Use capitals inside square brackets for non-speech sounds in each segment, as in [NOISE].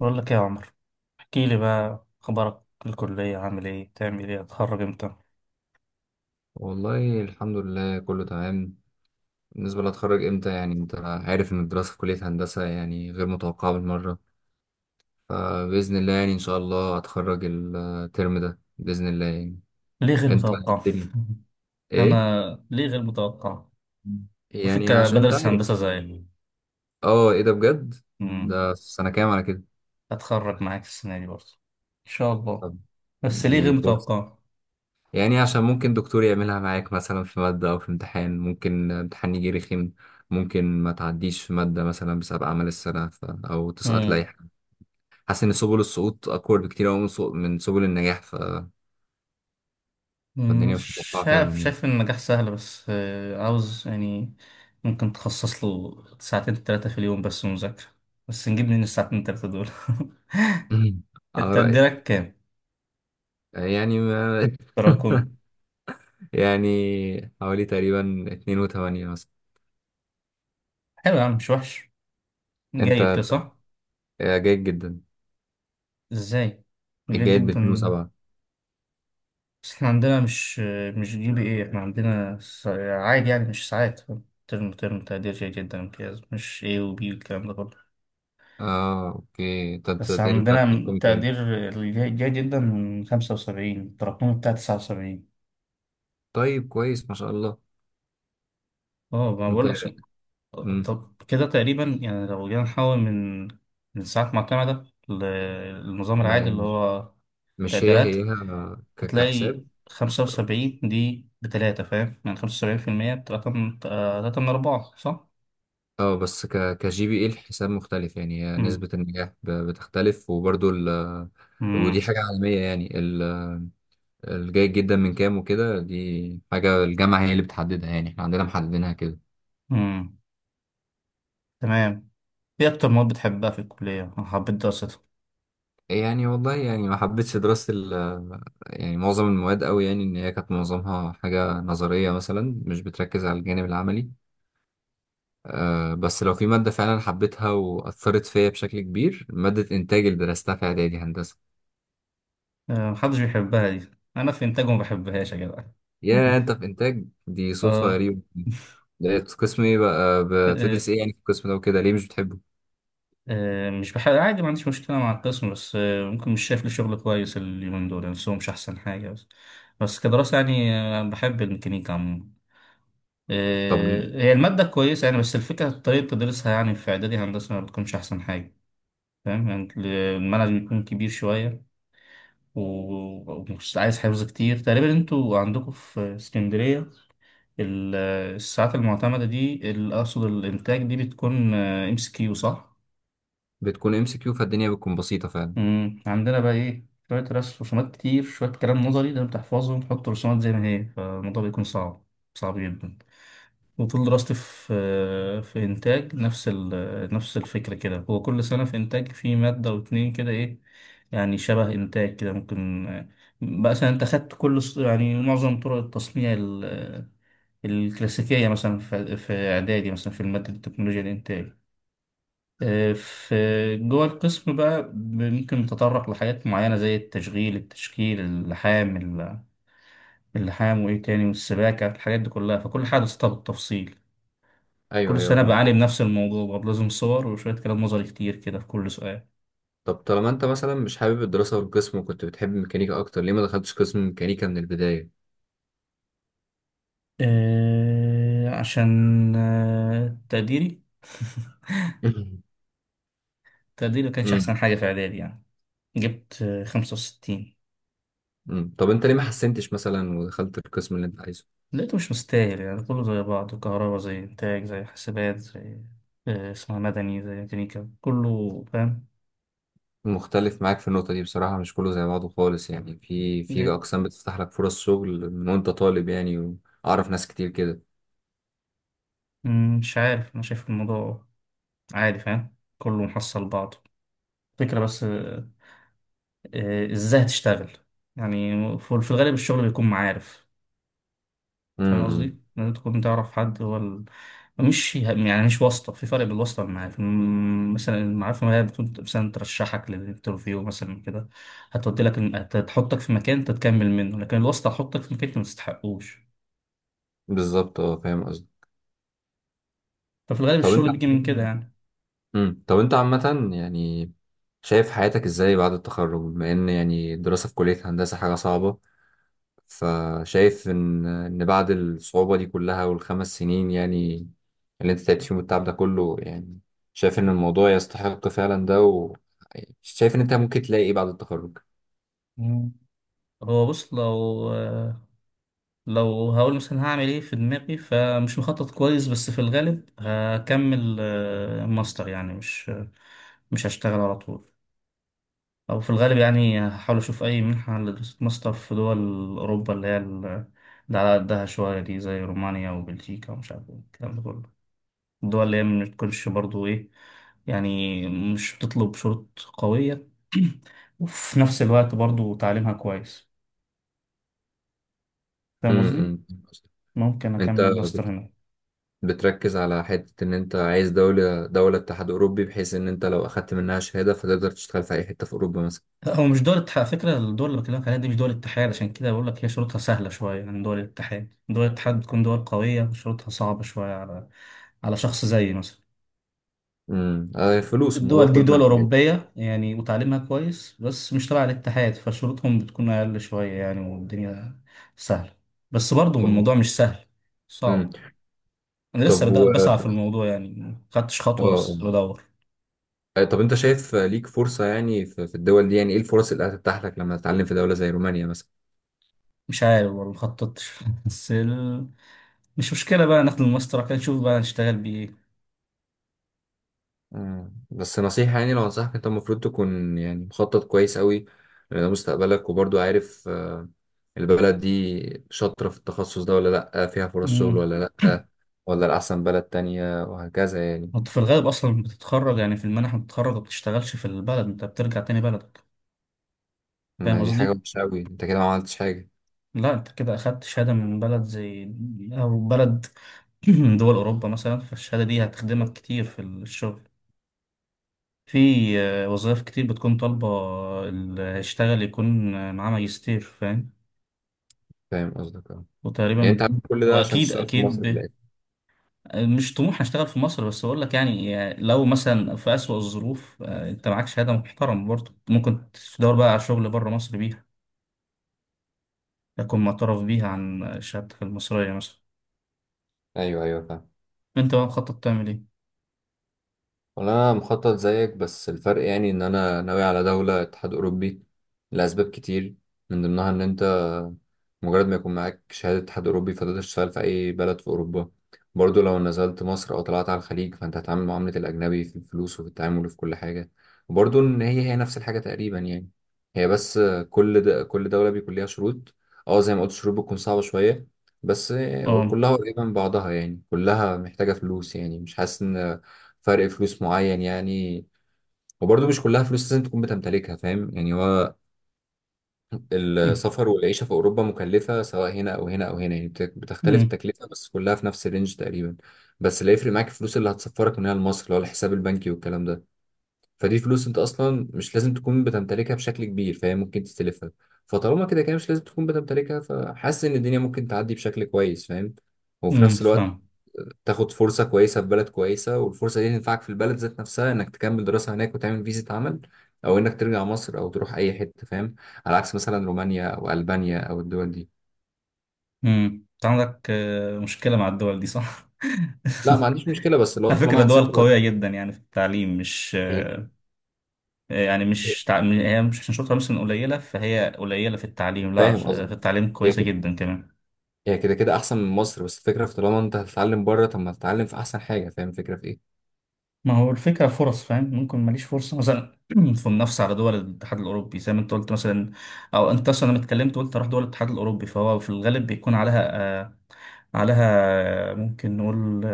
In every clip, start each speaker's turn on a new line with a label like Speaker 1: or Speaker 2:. Speaker 1: بقول لك إيه يا عمر؟ احكي لي بقى، اخبارك في الكليه؟ عامل ايه؟ تعمل ايه؟ هتخرج امتى؟
Speaker 2: والله الحمد لله كله تمام. بالنسبة لأتخرج إمتى، يعني أنت عارف إن الدراسة في كلية هندسة يعني غير متوقعة بالمرة. فبإذن الله يعني إن شاء الله أتخرج الترم ده بإذن الله يعني.
Speaker 1: ليه غير
Speaker 2: أنت إيه
Speaker 1: متوقع؟
Speaker 2: الدنيا؟
Speaker 1: [LAUGHS]
Speaker 2: إيه؟
Speaker 1: انا؟ ليه غير متوقع؟
Speaker 2: يعني
Speaker 1: الفكره
Speaker 2: عشان أنت
Speaker 1: بدرس
Speaker 2: عارف.
Speaker 1: هندسه زي
Speaker 2: أه إيه ده بجد؟
Speaker 1: امم
Speaker 2: ده سنة كام على كده؟
Speaker 1: هتخرج معاك السنه دي برضه، ان شاء الله.
Speaker 2: طب
Speaker 1: بس ليه غير
Speaker 2: دي فرصة.
Speaker 1: متوقع؟
Speaker 2: يعني عشان ممكن دكتور يعملها معاك مثلا في مادة أو في امتحان، ممكن امتحان يجي رخم. ممكن ما تعديش في مادة مثلا بسبب أعمال السنة أو تسقط
Speaker 1: امم
Speaker 2: لأي. حاسس ان سبل السقوط اقوى بكتير قوي من من سبل النجاح فالدنيا مش متوقعه فعلا
Speaker 1: شايف
Speaker 2: يعني.
Speaker 1: شايف إن النجاح سهل، بس عاوز يعني. ممكن تخصص له ساعتين ثلاثه في اليوم بس مذاكره، بس نجيب من الساعتين ثلاثه دول. [LAUGHS]
Speaker 2: [CLEARS THROAT] [LAUGHS]
Speaker 1: انت
Speaker 2: على رايك.
Speaker 1: تقديرك كام
Speaker 2: يعني ما...
Speaker 1: تراكم؟
Speaker 2: [LAUGHS] يعني حوالي تقريبا 2 و8 مثلا.
Speaker 1: حلو يا عم، مش وحش.
Speaker 2: انت
Speaker 1: جيد كده صح؟
Speaker 2: جيد جدا.
Speaker 1: ازاي؟ جيد
Speaker 2: جيد ب 2
Speaker 1: جدا.
Speaker 2: و7.
Speaker 1: بس احنا عندنا مش جي بي ايه، احنا عندنا عادي، يعني مش ساعات. ترم ترم تقدير جيد جدا، امتياز، مش ايه وبي والكلام ده كله.
Speaker 2: اه اوكي، أنت
Speaker 1: بس
Speaker 2: التقريب بتاعك
Speaker 1: عندنا
Speaker 2: كام؟
Speaker 1: تقدير الجيد جيد جدا من 75، التراكمي بتاع 79.
Speaker 2: طيب كويس ما شاء الله.
Speaker 1: اه، ما
Speaker 2: انت
Speaker 1: بقول عشان.
Speaker 2: مم.
Speaker 1: طب كده تقريبا، يعني لو جينا نحول من ساعات معتمدة للنظام العادي
Speaker 2: ما
Speaker 1: اللي هو
Speaker 2: مش هي
Speaker 1: تقديرات،
Speaker 2: هي.
Speaker 1: هتلاقي
Speaker 2: كحساب.
Speaker 1: 75 دي بتلاتة، فاهم؟ يعني 75% بتلاتة من تلاتة من أربعة، صح؟
Speaker 2: اه بس ك كجي بي اي الحساب مختلف يعني، هي
Speaker 1: مم.
Speaker 2: نسبة النجاح بتختلف وبرضو ودي
Speaker 1: مم.
Speaker 2: حاجة عالمية يعني الجيد جدا من كام وكده دي حاجة الجامعة هي اللي بتحددها يعني احنا عندنا محددينها كده.
Speaker 1: مم. تمام. إيه أكتر مواد بتحبها في الكلية؟ أنا حبيت دراستها.
Speaker 2: يعني والله يعني ما حبيتش دراسة يعني معظم المواد قوي يعني ان هي كانت معظمها حاجة نظرية مثلا مش بتركز على الجانب العملي. آه، بس لو في مادة فعلا حبيتها وأثرت فيا بشكل كبير مادة إنتاج اللي درستها في إعدادي هندسة.
Speaker 1: آه، محدش بيحبها دي، أنا في إنتاج ما بحبهاش يا جدع. [LAUGHS]
Speaker 2: يا أنت في إنتاج دي صدفة
Speaker 1: آه.
Speaker 2: غريبة. ده قسم ايه بقى
Speaker 1: آه، آه،
Speaker 2: بتدرس ايه يعني في القسم ده وكده ليه مش بتحبه؟
Speaker 1: آه، مش بحب عادي، ما عنديش مشكلة مع القسم، بس ممكن مش شايف لي شغل كويس اليومين دول، يعني سوق مش أحسن حاجة. بس بس كدراسة، يعني بحب الميكانيكا عموما.
Speaker 2: طب
Speaker 1: آه،
Speaker 2: ل-
Speaker 1: هي المادة كويسة يعني، بس الفكرة طريقة تدريسها يعني في إعدادي هندسة ما بتكونش أحسن حاجة، فاهم يعني. المنهج بيكون كبير شوية ومش عايز حفظ كتير. تقريبا انتوا عندكم في اسكندرية ال- الساعات المعتمدة دي، أقصد الإنتاج دي، بتكون ام اس كيو، صح؟
Speaker 2: بتكون ام سي كيو فالدنيا بتكون بسيطة فعلا.
Speaker 1: مم. عندنا بقى إيه؟ شوية رسم، رسومات كتير، شوية كلام نظري، ده بتحفظه وتحط رسومات زي ما هي، فالموضوع بيكون صعب، صعب جدا. وطول دراستي في إنتاج نفس نفس الفكرة كده. هو كل سنة في إنتاج في مادة واتنين كده، إيه يعني، شبه إنتاج كده ممكن. بقى مثلا أنت خدت كل يعني معظم طرق التصنيع الكلاسيكية مثلا في... في إعدادي، مثلا في المادة التكنولوجيا الإنتاج. آه، في جوه القسم بقى ممكن نتطرق لحاجات معينة زي التشغيل، التشكيل، اللحام، اللحام وإيه تاني، والسباكة، الحاجات دي كلها. فكل حاجة درستها بالتفصيل.
Speaker 2: ايوه
Speaker 1: كل
Speaker 2: ايوه
Speaker 1: سنة
Speaker 2: فاهم.
Speaker 1: بعاني بنفس الموضوع برضه، لازم صور وشوية كلام نظري كتير كده في كل سؤال.
Speaker 2: طب طالما انت مثلا مش حابب الدراسة والقسم وكنت بتحب الميكانيكا اكتر ليه ما دخلتش قسم ميكانيكا من البداية؟
Speaker 1: عشان تقديري.
Speaker 2: [LAUGHS]
Speaker 1: [LAUGHS] تقديري ما كانش أحسن
Speaker 2: امم.
Speaker 1: حاجة في إعدادي يعني. جبت 65.
Speaker 2: طب انت ليه ما حسنتش مثلا ودخلت القسم اللي انت عايزه؟
Speaker 1: لقيته مش مستاهل، يعني كله زي بعضه، كهرباء زي إنتاج زي حاسبات زي اسمها مدني زي ميكانيكا، كله فاهم.
Speaker 2: مختلف معاك في النقطة دي بصراحة، مش كله زي بعضه خالص يعني، في
Speaker 1: دي
Speaker 2: في أقسام بتفتح لك فرص شغل من وأنت طالب يعني. وأعرف ناس كتير كده.
Speaker 1: مم، مش عارف. أنا شايف الموضوع عادي، فاهم؟ كله محصل بعضه. فكرة بس ازاي هتشتغل؟ يعني في الغالب الشغل بيكون معارف. فاهم
Speaker 2: امم.
Speaker 1: قصدي؟ لازم تكون تعرف حد، هو مش يعني مش واسطة، في فرق بين الواسطة والمعارف. مثلا المعارف ما هي بتكون مثلا ترشحك للانترفيو مثلا كده، هتودي لك هتحطك في مكان انت تكمل منه. لكن الواسطة هتحطك في مكان انت ما تستحقوش.
Speaker 2: بالظبط اه فاهم قصدي.
Speaker 1: ففي الغالب
Speaker 2: طب انت
Speaker 1: الشغل بيجي من كده يعني.
Speaker 2: طب انت عامة يعني شايف حياتك ازاي بعد التخرج بما ان يعني الدراسة في كلية هندسة حاجة صعبة؟ فشايف ان بعد الصعوبة دي كلها والخمس سنين يعني اللي انت تعبت فيهم والتعب ده كله يعني، شايف ان الموضوع يستحق فعلا ده، و شايف ان انت ممكن تلاقي ايه بعد التخرج؟
Speaker 1: مم. هو بص، لو هقول مثلا هعمل ايه في دماغي، فمش مخطط كويس. بس في الغالب هكمل ماستر يعني، مش هشتغل على طول. او في الغالب يعني هحاول اشوف اي منحة لدراسة ماستر في دول اوروبا اللي هي اللي على قدها شوية دي، زي رومانيا وبلجيكا ومش عارف ايه الكلام ده كله. الدول اللي هي ما بتكونش برضو ايه، يعني مش بتطلب شروط قوية. [CLEARS THROAT] وفي نفس الوقت برضو تعليمها كويس، فاهم قصدي؟
Speaker 2: امم.
Speaker 1: ممكن
Speaker 2: انت
Speaker 1: أكمل ماستر
Speaker 2: بت...
Speaker 1: هناك.
Speaker 2: بتركز على حتة ان انت عايز دولة دولة اتحاد اوروبي بحيث ان انت لو اخدت منها شهادة فتقدر تشتغل في اي حتة في اوروبا مثلا.
Speaker 1: لا، هو مش دول الاتحاد على فكرة. الدول اللي بكلمك عليها دي مش دول الاتحاد، عشان كده بقول لك هي شروطها سهلة شوية عن دول الاتحاد. دول الاتحاد بتكون دول قوية، شروطها صعبة شوية على شخص زيي مثلا.
Speaker 2: آه فلوس الموضوع
Speaker 1: الدول دي
Speaker 2: كل
Speaker 1: دول
Speaker 2: ما كبير.
Speaker 1: أوروبية يعني، وتعليمها كويس، بس مش تبع الاتحاد، فشروطهم بتكون أقل شوية يعني، والدنيا سهلة. بس برضه
Speaker 2: طب
Speaker 1: الموضوع مش سهل،
Speaker 2: امم
Speaker 1: صعب. أنا لسه
Speaker 2: طب
Speaker 1: بدأ
Speaker 2: و
Speaker 1: بسعى
Speaker 2: اه
Speaker 1: في الموضوع يعني، مخدتش خطوة بس
Speaker 2: آه.
Speaker 1: بدور.
Speaker 2: آه، طب انت شايف آه، ليك فرصة يعني في في الدول دي، يعني ايه الفرص اللي هتتاح لك لما تتعلم في دولة زي رومانيا مثلا؟
Speaker 1: مش عارف والله، مخططتش. [LAUGHS] بس مش مشكلة، بقى ناخد الماستر كده نشوف بقى نشتغل
Speaker 2: بس نصيحة يعني لو انصحك، انت المفروض تكون يعني مخطط كويس قوي لده مستقبلك، وبرضو عارف آه، البلد دي شاطرة في التخصص ده ولا لأ، فيها فرص شغل
Speaker 1: بإيه.
Speaker 2: ولا لأ، ولا الأحسن بلد تانية وهكذا يعني.
Speaker 1: انت في الغالب اصلا بتتخرج يعني في المنح، بتتخرج وما بتشتغلش في البلد، انت بترجع تاني بلدك، فاهم
Speaker 2: ما دي حاجة
Speaker 1: قصدي؟
Speaker 2: وحشة قوي، انت كده ما عملتش حاجة.
Speaker 1: لا، انت كده اخدت شهاده من بلد زي او بلد [CLEARS THROAT] من دول اوروبا مثلا، فالشهاده دي هتخدمك كتير في الشغل. في وظائف كتير بتكون طالبه اللي هيشتغل يكون معاه ماجستير، فاهم؟
Speaker 2: فاهم قصدك اه. يعني انت
Speaker 1: وتقريبا
Speaker 2: عامل كل ده عشان
Speaker 1: واكيد
Speaker 2: تشتغل في مصر
Speaker 1: اكيد
Speaker 2: في الآخر؟
Speaker 1: مش طموح اشتغل في مصر، بس اقول لك يعني لو مثلا في اسوأ الظروف انت معاك شهاده محترم، برضه ممكن تدور بقى على شغل بره مصر بيها، يكون معترف بيها عن شهادتك المصرية مثلا.
Speaker 2: ايوه ايوه فاهم.
Speaker 1: انت بقى مخطط تعمل ايه؟
Speaker 2: والله انا مخطط زيك بس الفرق يعني ان انا ناوي على دولة اتحاد اوروبي لاسباب كتير، من ضمنها ان انت مجرد ما يكون معاك شهادة اتحاد اوروبي فتقدر تشتغل في اي بلد في اوروبا. برضو لو نزلت مصر او طلعت على الخليج فانت هتتعامل معاملة الاجنبي في الفلوس وفي التعامل وفي كل حاجة. وبرضو ان هي هي نفس الحاجة تقريبا يعني. هي بس كل دولة بيكون ليها شروط. اه زي ما قلت الشروط بتكون صعبة شوية بس
Speaker 1: اه.
Speaker 2: كلها قريبة من بعضها يعني، كلها محتاجة فلوس يعني، مش حاسس ان فرق فلوس معين يعني. وبرضه مش كلها فلوس لازم تكون بتمتلكها فاهم يعني، هو
Speaker 1: [LAUGHS]
Speaker 2: السفر والعيشة في أوروبا مكلفة سواء هنا أو هنا أو هنا يعني، بتختلف
Speaker 1: امم.
Speaker 2: التكلفة بس كلها في نفس الرينج تقريبا. بس اللي هيفرق معاك الفلوس اللي هتسفرك من هنا لمصر اللي هو الحساب البنكي والكلام ده، فدي فلوس أنت أصلا مش لازم تكون بتمتلكها بشكل كبير فاهم، ممكن تستلفها. فطالما كده كده مش لازم تكون بتمتلكها فحاسس إن الدنيا ممكن تعدي بشكل كويس فاهم. وفي نفس الوقت
Speaker 1: فاهم.
Speaker 2: تاخد فرصة كويسة في بلد كويسة والفرصة دي تنفعك في البلد ذات نفسها انك تكمل دراسة هناك وتعمل فيزا عمل، او انك ترجع مصر او تروح اي حتة فاهم، على عكس مثلا رومانيا او البانيا او الدول دي.
Speaker 1: امم. انت عندك مشكلة مع الدول دي، صح؟
Speaker 2: لا
Speaker 1: [LAUGHS]
Speaker 2: ما عنديش مشكلة بس لو
Speaker 1: على فكرة
Speaker 2: طالما
Speaker 1: دول
Speaker 2: هتسافر
Speaker 1: قوية جدا يعني في التعليم، مش
Speaker 2: هي-
Speaker 1: يعني مش هي مش عشان شاطرة مثلا قليلة فهي قليلة في التعليم، لا،
Speaker 2: فاهم
Speaker 1: في
Speaker 2: قصدي.
Speaker 1: التعليم
Speaker 2: هي
Speaker 1: كويسة
Speaker 2: كده
Speaker 1: جدا كمان.
Speaker 2: هي كده كده احسن من مصر بس الفكرة في طالما انت هتتعلم بره طب ما تتعلم في احسن حاجة، فاهم الفكرة في ايه.
Speaker 1: ما هو الفكرة فرص، فاهم؟ ممكن ماليش فرصة مثلا [CLEARS THROAT] في منافسة على دول الاتحاد الأوروبي زي ما أنت قلت مثلا، أو أنت أصلا لما اتكلمت قلت هروح دول الاتحاد الأوروبي، فهو في الغالب بيكون عليها آه، عليها ممكن نقول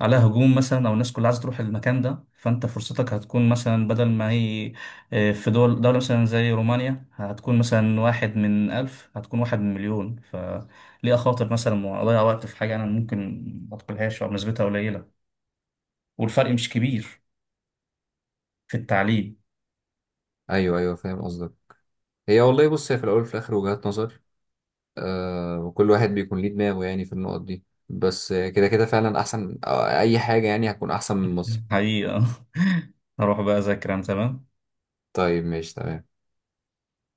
Speaker 1: عليها هجوم مثلا، او الناس كلها عايزه تروح المكان ده. فانت فرصتك هتكون مثلا بدل ما هي في دول دوله مثلا زي رومانيا هتكون مثلا واحد من الف، هتكون واحد من مليون. فليه اخاطر مثلا واضيع وقت في حاجه انا ممكن ما ادخلهاش او نسبتها قليله، والفرق مش كبير في التعليم.
Speaker 2: ايوه ايوه فاهم قصدك. هي والله بص، هي في الاول وفي الاخر وجهات نظر، آه، وكل واحد بيكون ليه دماغه يعني في النقط دي. بس آه، كده كده فعلا احسن آه، اي حاجة يعني هتكون احسن من مصر.
Speaker 1: [LAUGHS] حقيقه. [LAUGHS] هروح بقى اذاكر انا، تمام.
Speaker 2: طيب ماشي تمام.